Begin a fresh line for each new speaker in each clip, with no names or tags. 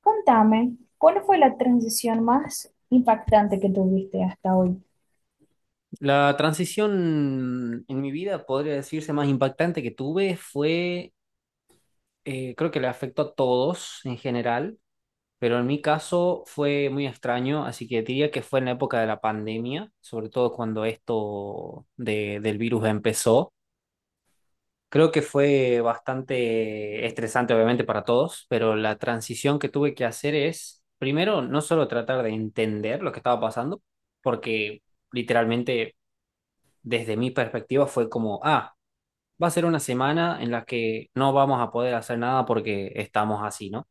Contame, ¿cuál fue la transición más impactante que tuviste hasta hoy?
La transición en mi vida, podría decirse, más impactante que tuve fue, creo que le afectó a todos en general, pero en mi caso fue muy extraño, así que diría que fue en la época de la pandemia, sobre todo cuando del virus empezó. Creo que fue bastante estresante, obviamente, para todos, pero la transición que tuve que hacer es, primero, no solo tratar de entender lo que estaba pasando, porque literalmente desde mi perspectiva fue como, ah, va a ser una semana en la que no vamos a poder hacer nada porque estamos así, ¿no?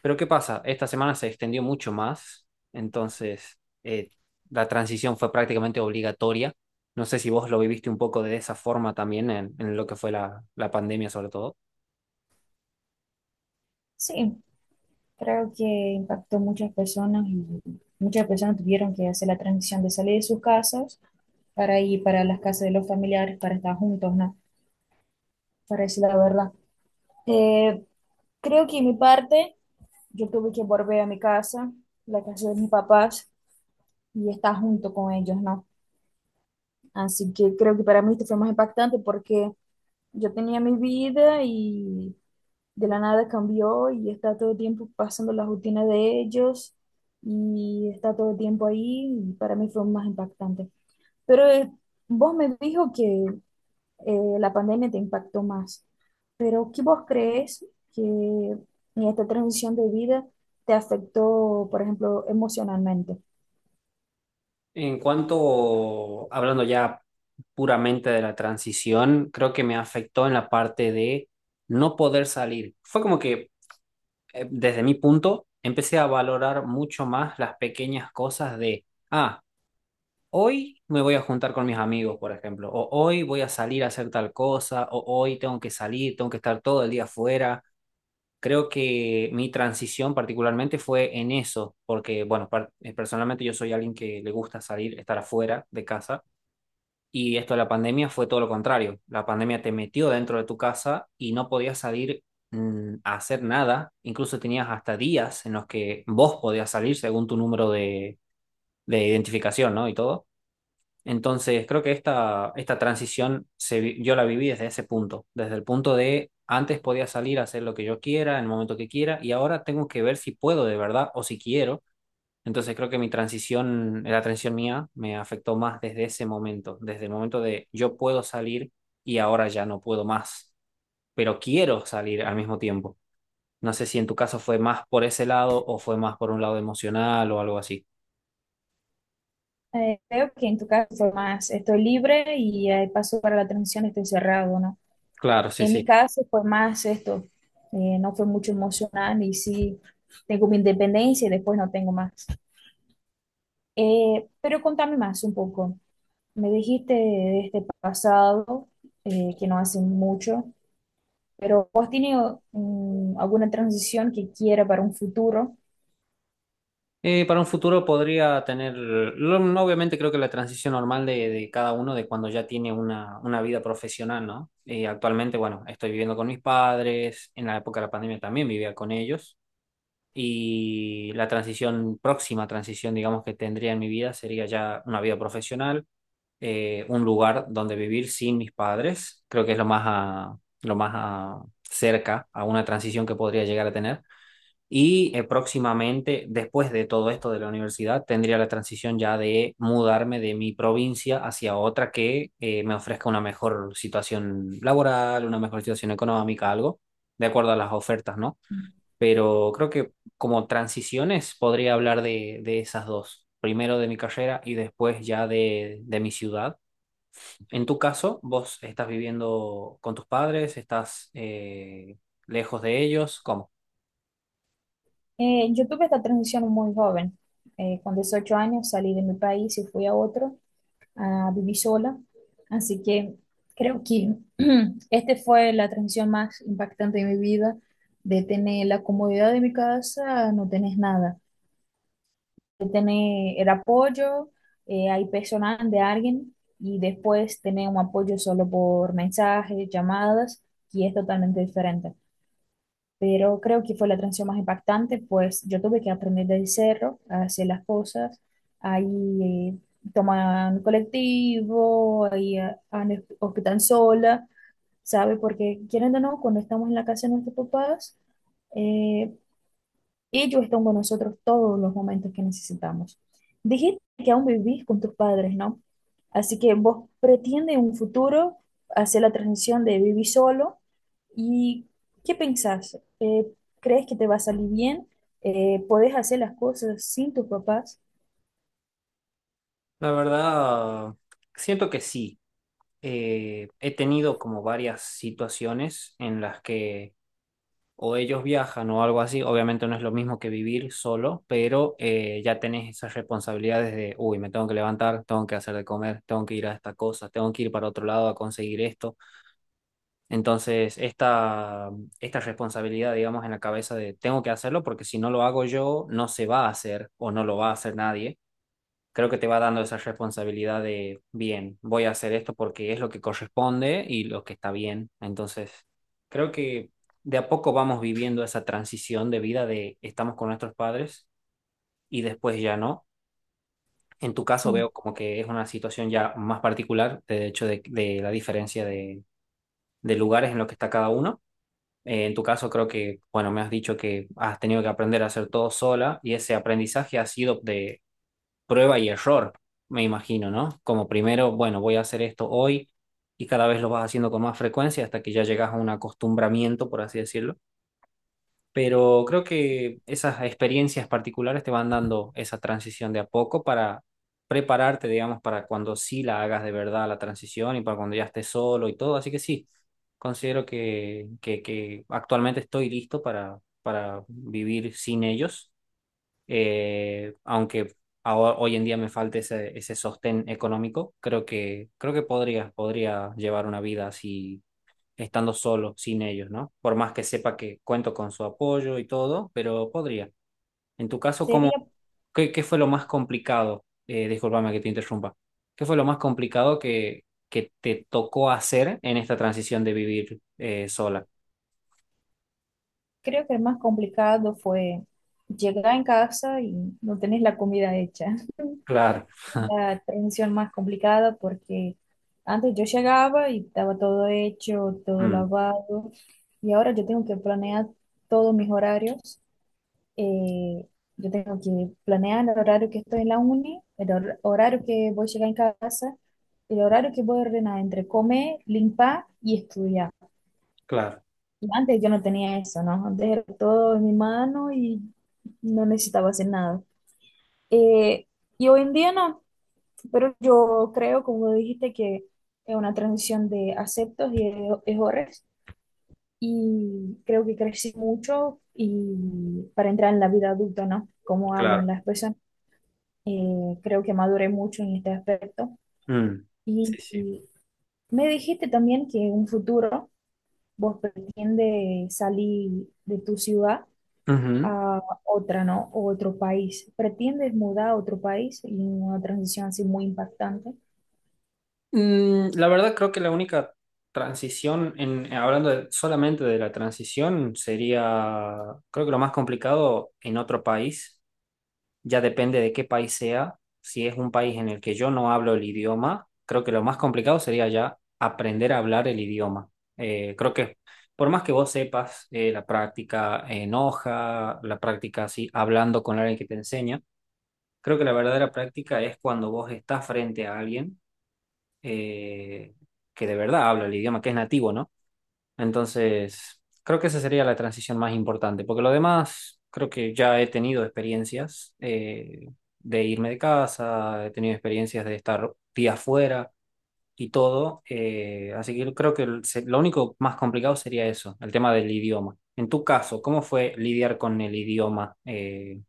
Pero ¿qué pasa? Esta semana se extendió mucho más, entonces la transición fue prácticamente obligatoria. No sé si vos lo viviste un poco de esa forma también en lo que fue la pandemia sobre todo.
Sí, creo que impactó muchas personas y muchas personas tuvieron que hacer la transición de salir de sus casas para ir para las casas de los familiares, para estar juntos, ¿no? Para decir la verdad. Eh, creo que en mi parte, yo tuve que volver a mi casa, la casa de mis papás, y estar junto con ellos, ¿no? Así que creo que para mí esto fue más impactante porque yo tenía mi vida y de la nada cambió y está todo el tiempo pasando la rutina de ellos y está todo el tiempo ahí y para mí fue más impactante. Pero vos me dijo que la pandemia te impactó más, pero ¿qué vos crees que en esta transición de vida te afectó, por ejemplo, emocionalmente?
En cuanto, hablando ya puramente de la transición, creo que me afectó en la parte de no poder salir. Fue como que desde mi punto, empecé a valorar mucho más las pequeñas cosas de, ah, hoy me voy a juntar con mis amigos, por ejemplo, o hoy voy a salir a hacer tal cosa, o hoy tengo que salir, tengo que estar todo el día afuera. Creo que mi transición particularmente fue en eso, porque, bueno, personalmente yo soy alguien que le gusta salir, estar afuera de casa. Y esto de la pandemia fue todo lo contrario. La pandemia te metió dentro de tu casa y no podías salir a hacer nada. Incluso tenías hasta días en los que vos podías salir según tu número de identificación, ¿no? Y todo. Entonces, creo que esta transición yo la viví desde ese punto, desde el punto de antes podía salir a hacer lo que yo quiera, en el momento que quiera, y ahora tengo que ver si puedo de verdad o si quiero, entonces creo que mi transición, la transición mía me afectó más desde ese momento, desde el momento de yo puedo salir y ahora ya no puedo más, pero quiero salir al mismo tiempo. No sé si en tu caso fue más por ese lado o fue más por un lado emocional o algo así.
Creo que en tu caso fue más, estoy libre y paso para la transición, estoy cerrado, ¿no?
Claro, sí,
En
sí.
mi caso fue más esto, no fue mucho emocional y sí tengo mi independencia y después no tengo más. Pero contame más un poco. Me dijiste de este pasado, que no hace mucho, pero ¿vos tienes alguna transición que quiera para un futuro?
Para un futuro podría tener, lo- no, obviamente creo que la transición normal de cada uno de cuando ya tiene una vida profesional, ¿no? Actualmente, bueno, estoy viviendo con mis padres, en la época de la pandemia también vivía con ellos. Y la transición, próxima transición, digamos, que tendría en mi vida sería ya una vida profesional, un lugar donde vivir sin mis padres. Creo que es lo más, lo más cerca a una transición que podría llegar a tener. Y próximamente, después de todo esto de la universidad, tendría la transición ya de mudarme de mi provincia hacia otra que me ofrezca una mejor situación laboral, una mejor situación económica, algo, de acuerdo a las ofertas, ¿no? Pero creo que como transiciones podría hablar de esas dos. Primero de mi carrera y después ya de mi ciudad. En tu caso, ¿vos estás viviendo con tus padres? ¿Estás lejos de ellos? ¿Cómo?
Yo tuve esta transición muy joven. Con 18 años salí de mi país y fui a otro. A vivir sola. Así que creo que este fue la transición más impactante de mi vida, de tener la comodidad de mi casa, no tenés nada, de tener el apoyo, hay personal de alguien y después tener un apoyo solo por mensajes, llamadas, y es totalmente diferente, pero creo que fue la transición más impactante, pues yo tuve que aprender del cerro a hacer las cosas, ahí toman colectivo, ahí en el sola, ¿sabe? Porque quieren o no, cuando estamos en la casa de nuestros papás, eh, y ellos están con nosotros todos los momentos que necesitamos. Dijiste que aún vivís con tus padres, ¿no? Así que vos pretende en un futuro hacer la transición de vivir solo y ¿qué pensás? ¿Crees que te va a salir bien? ¿Podés hacer las cosas sin tus papás?
La verdad, siento que sí. He tenido como varias situaciones en las que o ellos viajan o algo así, obviamente no es lo mismo que vivir solo, pero ya tenés esas responsabilidades de, uy, me tengo que levantar, tengo que hacer de comer, tengo que ir a esta cosa, tengo que ir para otro lado a conseguir esto. Entonces, esta responsabilidad, digamos, en la cabeza de, tengo que hacerlo porque si no lo hago yo, no se va a hacer o no lo va a hacer nadie, creo que te va dando esa responsabilidad de, bien, voy a hacer esto porque es lo que corresponde y lo que está bien. Entonces, creo que de a poco vamos viviendo esa transición de vida de estamos con nuestros padres y después ya no. En tu caso
Sí,
veo como que es una situación ya más particular, de hecho, de la diferencia de lugares en los que está cada uno. En tu caso creo que, bueno, me has dicho que has tenido que aprender a hacer todo sola y ese aprendizaje ha sido de prueba y error, me imagino, ¿no? Como primero, bueno, voy a hacer esto hoy y cada vez lo vas haciendo con más frecuencia hasta que ya llegas a un acostumbramiento, por así decirlo. Pero creo que esas experiencias particulares te van dando esa transición de a poco para prepararte, digamos, para cuando sí la hagas de verdad la transición y para cuando ya estés solo y todo. Así que sí, considero que actualmente estoy listo para vivir sin ellos, aunque hoy en día me falte ese, ese sostén económico, creo que podría, podría llevar una vida así, estando solo, sin ellos, ¿no? Por más que sepa que cuento con su apoyo y todo, pero podría. En tu caso, ¿cómo,
sería,
qué, qué fue lo más complicado? Discúlpame que te interrumpa. ¿Qué fue lo más complicado que te tocó hacer en esta transición de vivir sola?
creo que el más complicado fue llegar en casa y no tenés la comida hecha.
Claro.
La transición más complicada porque antes yo llegaba y estaba todo hecho, todo
Mm.
lavado, y ahora yo tengo que planear todos mis horarios. eh, yo tengo que planear el horario que estoy en la uni, el horario que voy a llegar en casa, el horario que voy a ordenar entre comer, limpar y estudiar.
Claro.
Y antes yo no tenía eso, ¿no? Antes era todo en mi mano y no necesitaba hacer nada. Eh, y hoy en día no. Pero yo creo, como dijiste, que es una transición de aceptos y de errores y creo que crecí mucho y para entrar en la vida adulta, ¿no? Como hablo en
Claro.
la expresión, creo que maduré mucho en este aspecto.
Mm. Sí,
Y,
sí.
y me dijiste también que en un futuro vos pretendes salir de tu ciudad a otra, ¿no? O otro país. ¿Pretendes mudar a otro país y una transición así muy impactante?
Mm, la verdad creo que la única transición, en, hablando solamente de la transición, sería, creo que lo más complicado en otro país, ya depende de qué país sea, si es un país en el que yo no hablo el idioma, creo que lo más complicado sería ya aprender a hablar el idioma. Creo que por más que vos sepas la práctica en hoja, la práctica así, hablando con alguien que te enseña, creo que la verdadera práctica es cuando vos estás frente a alguien eh, que de verdad habla el idioma, que es nativo, ¿no? Entonces, creo que esa sería la transición más importante, porque lo demás, creo que ya he tenido experiencias de irme de casa, he tenido experiencias de estar días fuera y todo, así que creo que lo único más complicado sería eso, el tema del idioma. En tu caso, ¿cómo fue lidiar con el idioma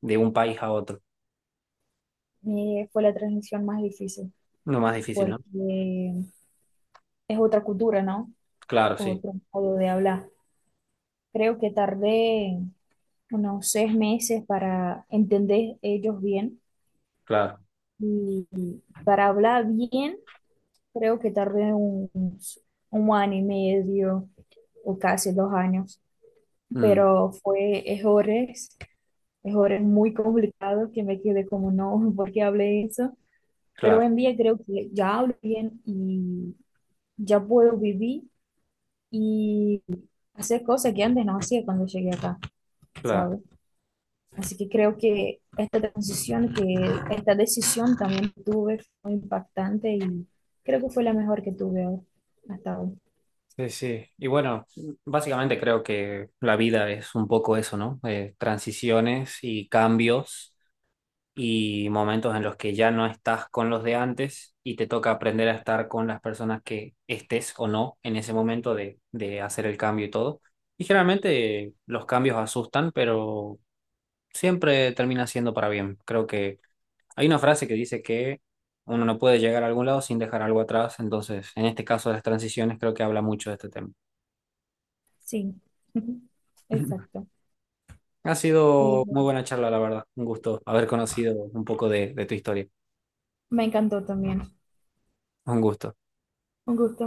de un país a otro?
Fue la transición más difícil.
Lo más difícil, ¿no?
Porque es otra cultura, ¿no?
Claro, sí,
Otro modo de hablar. Creo que tardé unos 6 meses para entender ellos bien
claro.
y para hablar bien, creo que tardé 1 año y medio o casi 2 años,
Mm,
pero fue errores, errores muy complicados que me quedé como no, ¿por qué hablé eso? Pero hoy
claro,
en día creo que ya hablo bien y ya puedo vivir y hacer cosas que antes no hacía cuando llegué acá,
claro.
¿sabes? Así que creo que esta transición, que esta decisión también tuve fue impactante y creo que fue la mejor que tuve hasta ahora.
Sí, sí. Y bueno, básicamente creo que la vida es un poco eso, ¿no? Transiciones y cambios y momentos en los que ya no estás con los de antes y te toca aprender a estar con las personas que estés o no en ese momento de hacer el cambio y todo. Y generalmente los cambios asustan, pero siempre termina siendo para bien. Creo que hay una frase que dice que uno no puede llegar a algún lado sin dejar algo atrás, entonces en este caso de las transiciones creo que habla mucho de este tema.
Sí, exacto.
Ha
Eh,
sido muy buena charla, la verdad. Un gusto haber conocido un poco de tu historia.
me encantó también.
Un gusto.
Un gusto.